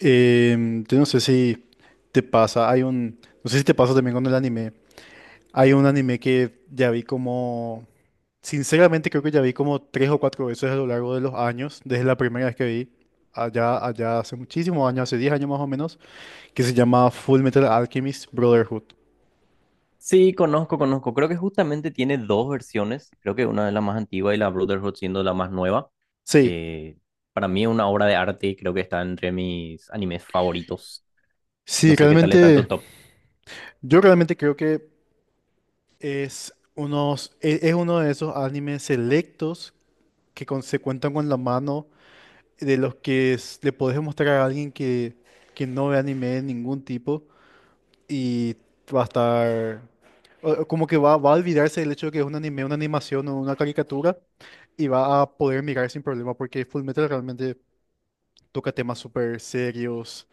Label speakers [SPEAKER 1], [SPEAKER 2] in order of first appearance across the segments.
[SPEAKER 1] Yo no sé si te pasa, no sé si te pasa también con el anime. Hay un anime que ya vi como, sinceramente creo que ya vi como tres o cuatro veces a lo largo de los años, desde la primera vez que vi, allá hace muchísimos años, hace 10 años más o menos, que se llama Full Metal Alchemist Brotherhood.
[SPEAKER 2] Sí, conozco, conozco. Creo que justamente tiene dos versiones. Creo que una es la más antigua y la Brotherhood siendo la más nueva.
[SPEAKER 1] Sí,
[SPEAKER 2] Eh, para mí es una obra de arte. Creo que está entre mis animes favoritos. No
[SPEAKER 1] sí,
[SPEAKER 2] sé qué tal está en tu
[SPEAKER 1] realmente,
[SPEAKER 2] top.
[SPEAKER 1] yo realmente creo que es uno de esos animes selectos que se cuentan con la mano de los que le podés mostrar a alguien que no ve anime de ningún tipo y va a estar... o Como que va, va a olvidarse del hecho de que es un anime, una animación o una caricatura y va a poder mirar sin problema porque Fullmetal realmente toca temas súper serios.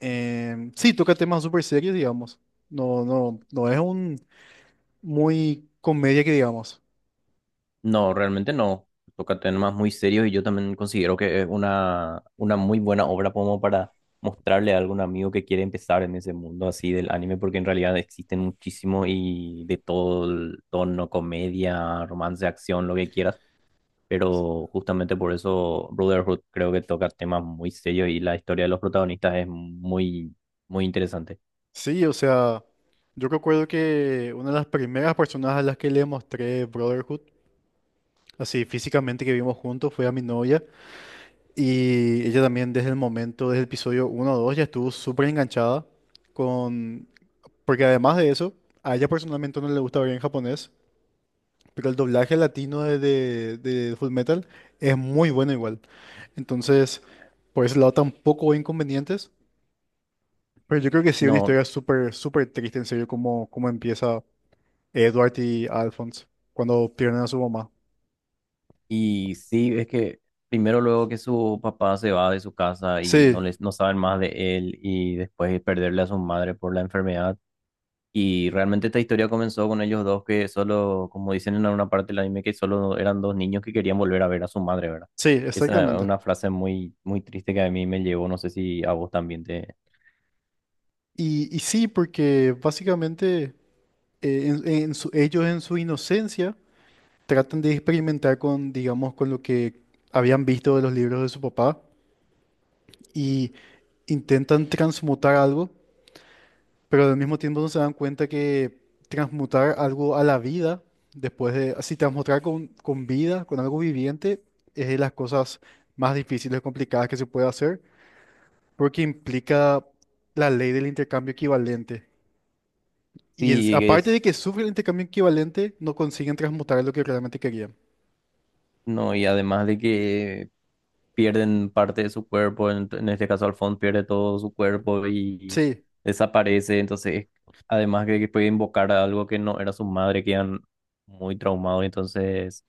[SPEAKER 1] Sí, toca temas súper serios, digamos. No, no, no es un muy comedia que digamos.
[SPEAKER 2] No, realmente no. Toca temas muy serios y yo también considero que es una muy buena obra como para mostrarle a algún amigo que quiere empezar en ese mundo así del anime, porque en realidad existen muchísimo y de todo el tono, comedia, romance, acción, lo que quieras. Pero justamente por eso Brotherhood creo que toca temas muy serios y la historia de los protagonistas es muy interesante.
[SPEAKER 1] Sí, o sea, yo recuerdo que una de las primeras personas a las que le mostré Brotherhood así físicamente que vimos juntos fue a mi novia y ella también desde el momento, desde el episodio uno o 2 ya estuvo súper enganchada con... Porque además de eso, a ella personalmente no le gusta ver en japonés, pero el doblaje latino de Fullmetal es muy bueno igual. Entonces, por ese lado tampoco hubo inconvenientes, pero yo creo que sí una
[SPEAKER 2] No,
[SPEAKER 1] historia súper, súper triste en serio como, como empieza Edward y Alphonse cuando pierden a su mamá.
[SPEAKER 2] y sí, es que primero luego que su papá se va de su casa y no
[SPEAKER 1] Sí,
[SPEAKER 2] no saben más de él y después perderle a su madre por la enfermedad. Y realmente esta historia comenzó con ellos dos que solo, como dicen en alguna parte del anime, que solo eran dos niños que querían volver a ver a su madre, ¿verdad?
[SPEAKER 1] sí,
[SPEAKER 2] Esa es
[SPEAKER 1] exactamente.
[SPEAKER 2] una frase muy triste que a mí me llevó, no sé si a vos también te...
[SPEAKER 1] Y sí, porque básicamente ellos en su inocencia tratan de experimentar con, digamos, con lo que habían visto de los libros de su papá y intentan transmutar algo, pero al mismo tiempo no se dan cuenta que transmutar algo a la vida, después de, así transmutar con vida, con algo viviente, es de las cosas más difíciles, complicadas que se puede hacer, porque implica la ley del intercambio equivalente.
[SPEAKER 2] Sí,
[SPEAKER 1] Aparte
[SPEAKER 2] es.
[SPEAKER 1] de que sufren intercambio equivalente, no consiguen transmutar lo que realmente querían.
[SPEAKER 2] No, y además de que pierden parte de su cuerpo, en este caso Alphonse pierde todo su cuerpo y
[SPEAKER 1] Sí.
[SPEAKER 2] desaparece, entonces además de que puede invocar a algo que no era su madre, quedan muy traumados, entonces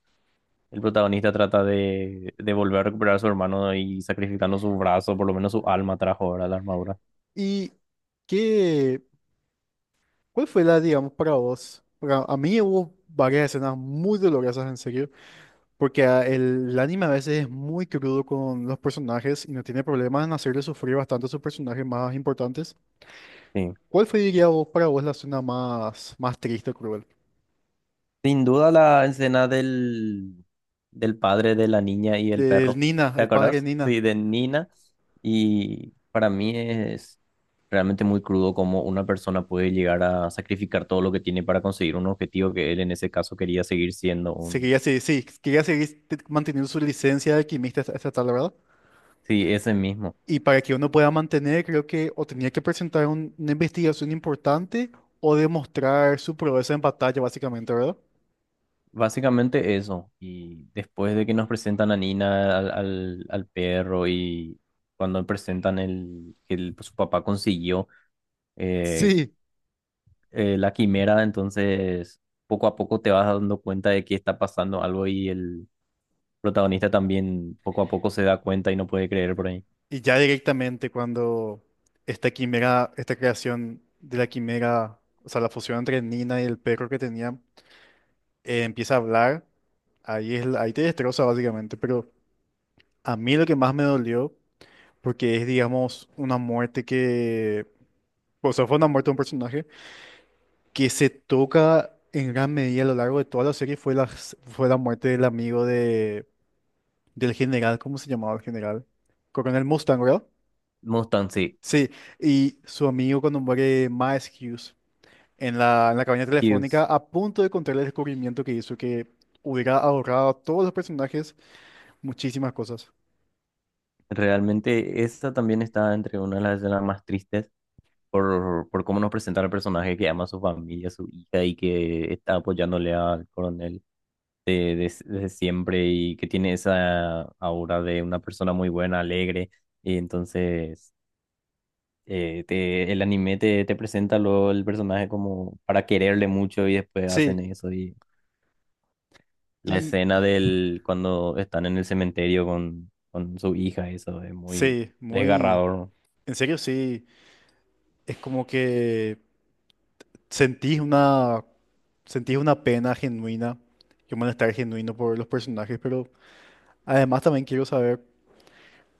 [SPEAKER 2] el protagonista trata de volver a recuperar a su hermano y sacrificando su brazo, por lo menos su alma trajo ahora la armadura.
[SPEAKER 1] ¿Y qué? ¿Cuál fue la, digamos, para vos? A mí hubo varias escenas muy dolorosas, en serio, porque el anime a veces es muy crudo con los personajes y no tiene problemas en hacerle sufrir bastante a sus personajes más importantes.
[SPEAKER 2] Sí.
[SPEAKER 1] ¿Cuál fue, diría vos, para vos la escena más, más triste o cruel?
[SPEAKER 2] Sin duda la escena del padre de la niña y el
[SPEAKER 1] Del
[SPEAKER 2] perro.
[SPEAKER 1] Nina,
[SPEAKER 2] ¿Te
[SPEAKER 1] el padre
[SPEAKER 2] acuerdas?
[SPEAKER 1] Nina.
[SPEAKER 2] Sí, de Nina. Y para mí es realmente muy crudo cómo una persona puede llegar a sacrificar todo lo que tiene para conseguir un objetivo que él en ese caso quería seguir siendo
[SPEAKER 1] Se
[SPEAKER 2] un...
[SPEAKER 1] quería, sí, quería seguir manteniendo su licencia de alquimista hasta hasta tal, ¿verdad?
[SPEAKER 2] Sí, ese mismo.
[SPEAKER 1] Y para que uno pueda mantener, creo que o tenía que presentar una investigación importante o demostrar su proeza en batalla, básicamente, ¿verdad?
[SPEAKER 2] Básicamente eso. Y después de que nos presentan a Nina, al perro y cuando presentan el que su papá consiguió eh,
[SPEAKER 1] Sí.
[SPEAKER 2] la quimera, entonces poco a poco te vas dando cuenta de que está pasando algo y el protagonista también poco a poco se da cuenta y no puede creer por ahí.
[SPEAKER 1] Y ya directamente cuando esta quimera, esta creación de la quimera, o sea, la fusión entre Nina y el perro que tenía, empieza a hablar, ahí es, ahí te destroza básicamente. Pero a mí lo que más me dolió, porque es, digamos, una muerte que, o sea, fue una muerte de un personaje que se toca en gran medida a lo largo de toda la serie fue fue la muerte del amigo de, del general. ¿Cómo se llamaba el general? Coronel Mustang, ¿verdad?
[SPEAKER 2] Mustang, sí.
[SPEAKER 1] Sí, y su amigo cuando muere Miles Hughes en en la cabina telefónica
[SPEAKER 2] Hughes.
[SPEAKER 1] a punto de encontrar el descubrimiento que hizo que hubiera ahorrado a todos los personajes muchísimas cosas.
[SPEAKER 2] Realmente esa también está entre una de las escenas más tristes por cómo nos presenta el personaje que ama a su familia, a su hija y que está apoyándole al coronel desde siempre y que tiene esa aura de una persona muy buena, alegre. Y entonces el anime te presenta luego el personaje como para quererle mucho y después hacen
[SPEAKER 1] Sí,
[SPEAKER 2] eso. Y la
[SPEAKER 1] y
[SPEAKER 2] escena del cuando están en el cementerio con su hija, eso es muy
[SPEAKER 1] sí, muy,
[SPEAKER 2] desgarrador.
[SPEAKER 1] en serio sí, es como que... Sentís una, sentís una pena genuina y un malestar genuino por los personajes, pero además también quiero saber,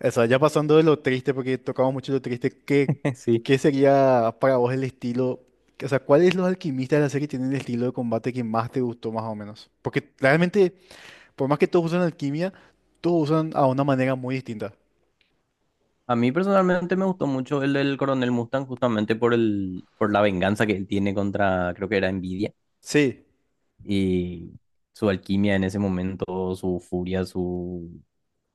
[SPEAKER 1] o sea, ya pasando de lo triste, porque tocamos mucho lo triste, ¿qué,
[SPEAKER 2] Sí,
[SPEAKER 1] qué sería para vos el estilo? O sea, ¿cuáles los alquimistas de la serie tienen el estilo de combate que más te gustó, más o menos? Porque realmente, por más que todos usan alquimia, todos usan a una manera muy distinta.
[SPEAKER 2] a mí personalmente me gustó mucho el del Coronel Mustang justamente por por la venganza que él tiene contra, creo que era Nvidia
[SPEAKER 1] Sí,
[SPEAKER 2] y su alquimia en ese momento, su furia, su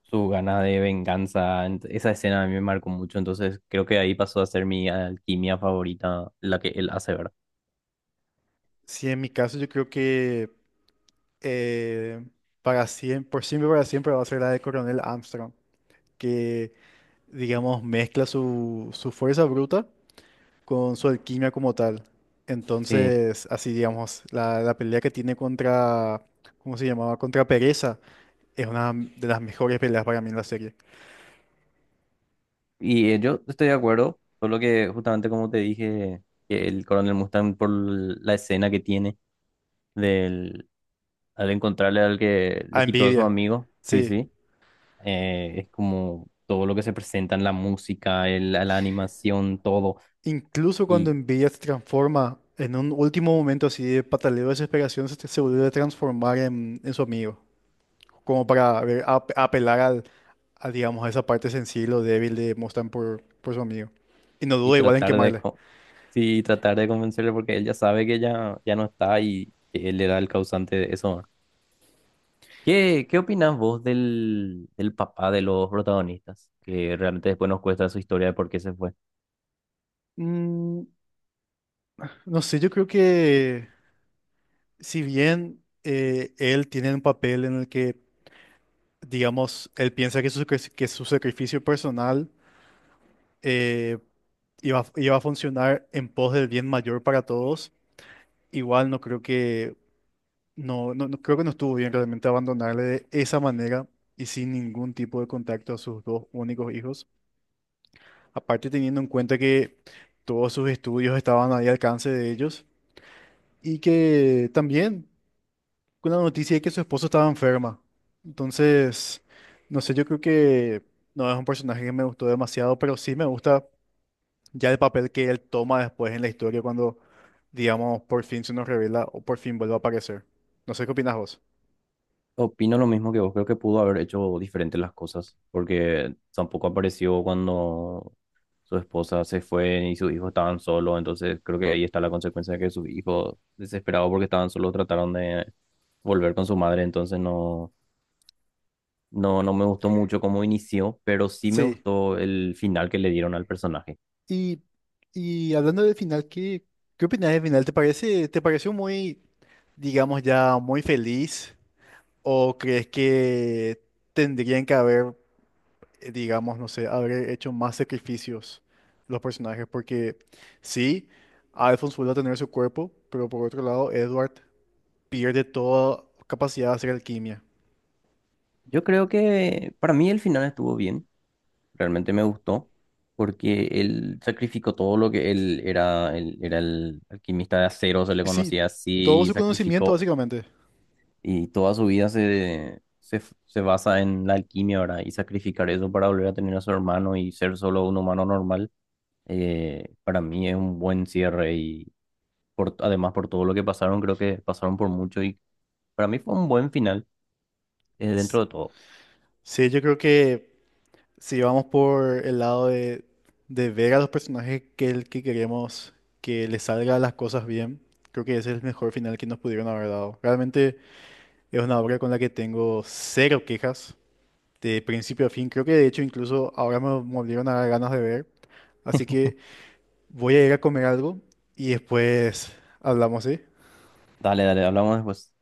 [SPEAKER 2] su gana de venganza. Esa escena a mí me marcó mucho, entonces creo que ahí pasó a ser mi alquimia favorita, la que él hace, ¿verdad?
[SPEAKER 1] sí, en mi caso yo creo que eh, para siempre, por siempre, para siempre va a ser la de Coronel Armstrong. Que, digamos, mezcla su, su fuerza bruta con su alquimia como tal.
[SPEAKER 2] Sí,
[SPEAKER 1] Entonces, así, digamos, la pelea que tiene contra, ¿cómo se llamaba? Contra Pereza es una de las mejores peleas para mí en la serie.
[SPEAKER 2] y yo estoy de acuerdo, solo que justamente como te dije, que el coronel Mustang por la escena que tiene del, al encontrarle al que le
[SPEAKER 1] A
[SPEAKER 2] quitó a su
[SPEAKER 1] Envidia,
[SPEAKER 2] amigo, sí,
[SPEAKER 1] sí.
[SPEAKER 2] sí, es como todo lo que se presenta en la música, la animación, todo.
[SPEAKER 1] Incluso cuando
[SPEAKER 2] Y
[SPEAKER 1] Envidia se transforma en un último momento así de pataleo de desesperación, se vuelve a transformar en su amigo. Como para a ver, apelar al, a, digamos, a esa parte sensible o débil de Mustang por su amigo. Y no
[SPEAKER 2] y
[SPEAKER 1] duda igual en
[SPEAKER 2] tratar de,
[SPEAKER 1] quemarle.
[SPEAKER 2] sí, y tratar de convencerle porque él ya sabe que ya no está y él era el causante de eso, ¿no? ¿Qué, qué opinas vos del papá de los protagonistas? Que realmente después nos cuesta su historia de por qué se fue.
[SPEAKER 1] Mm, no sé, yo creo que si bien él tiene un papel en el que, digamos, él piensa que que su sacrificio personal, eh, iba, iba a funcionar en pos del bien mayor para todos, igual no creo que no, no, creo que no estuvo bien realmente abandonarle de esa manera y sin ningún tipo de contacto a sus dos únicos hijos. Aparte teniendo en cuenta que todos sus estudios estaban ahí al alcance de ellos y que también con la noticia de que su esposo estaba enferma. Entonces, no sé, yo creo que no es un personaje que me gustó demasiado, pero sí me gusta ya el papel que él toma después en la historia cuando, digamos, por fin se nos revela o por fin vuelve a aparecer. No sé qué opinas vos.
[SPEAKER 2] Opino lo mismo que vos, creo que pudo haber hecho diferentes las cosas, porque tampoco apareció cuando su esposa se fue y sus hijos estaban solos, entonces creo que ahí está la consecuencia de que sus hijos, desesperados porque estaban solos, trataron de volver con su madre, entonces no. No, no me gustó mucho cómo inició, pero sí me
[SPEAKER 1] Sí.
[SPEAKER 2] gustó el final que le dieron al personaje.
[SPEAKER 1] Y, y hablando del final, ¿qué, qué opinas del final? ¿Te parece, te pareció muy, digamos, ya muy feliz? ¿O crees que tendrían que haber, digamos, no sé, haber hecho más sacrificios los personajes? Porque sí, Alphonse vuelve a tener su cuerpo, pero por otro lado, Edward pierde toda capacidad de hacer alquimia.
[SPEAKER 2] Yo creo que para mí el final estuvo bien, realmente me gustó, porque él sacrificó todo lo que él era el alquimista de acero, se le
[SPEAKER 1] Sí,
[SPEAKER 2] conocía
[SPEAKER 1] todo
[SPEAKER 2] así, y
[SPEAKER 1] su conocimiento,
[SPEAKER 2] sacrificó,
[SPEAKER 1] básicamente.
[SPEAKER 2] y toda su vida se basa en la alquimia, ahora. Y sacrificar eso para volver a tener a su hermano y ser solo un humano normal, para mí es un buen cierre además por todo lo que pasaron, creo que pasaron por mucho y para mí fue un buen final,
[SPEAKER 1] S-
[SPEAKER 2] dentro de todo.
[SPEAKER 1] Sí, yo creo que si vamos por el lado de ver a los personajes que, el que queremos que les salga las cosas bien, creo que ese es el mejor final que nos pudieron haber dado. Realmente. Es una obra con la que tengo cero quejas, de principio a fin. Creo que de hecho incluso ahora me volvieron a dar ganas de ver. Así que voy a ir a comer algo y después hablamos, ¿sí?
[SPEAKER 2] Dale, dale, hablamos después.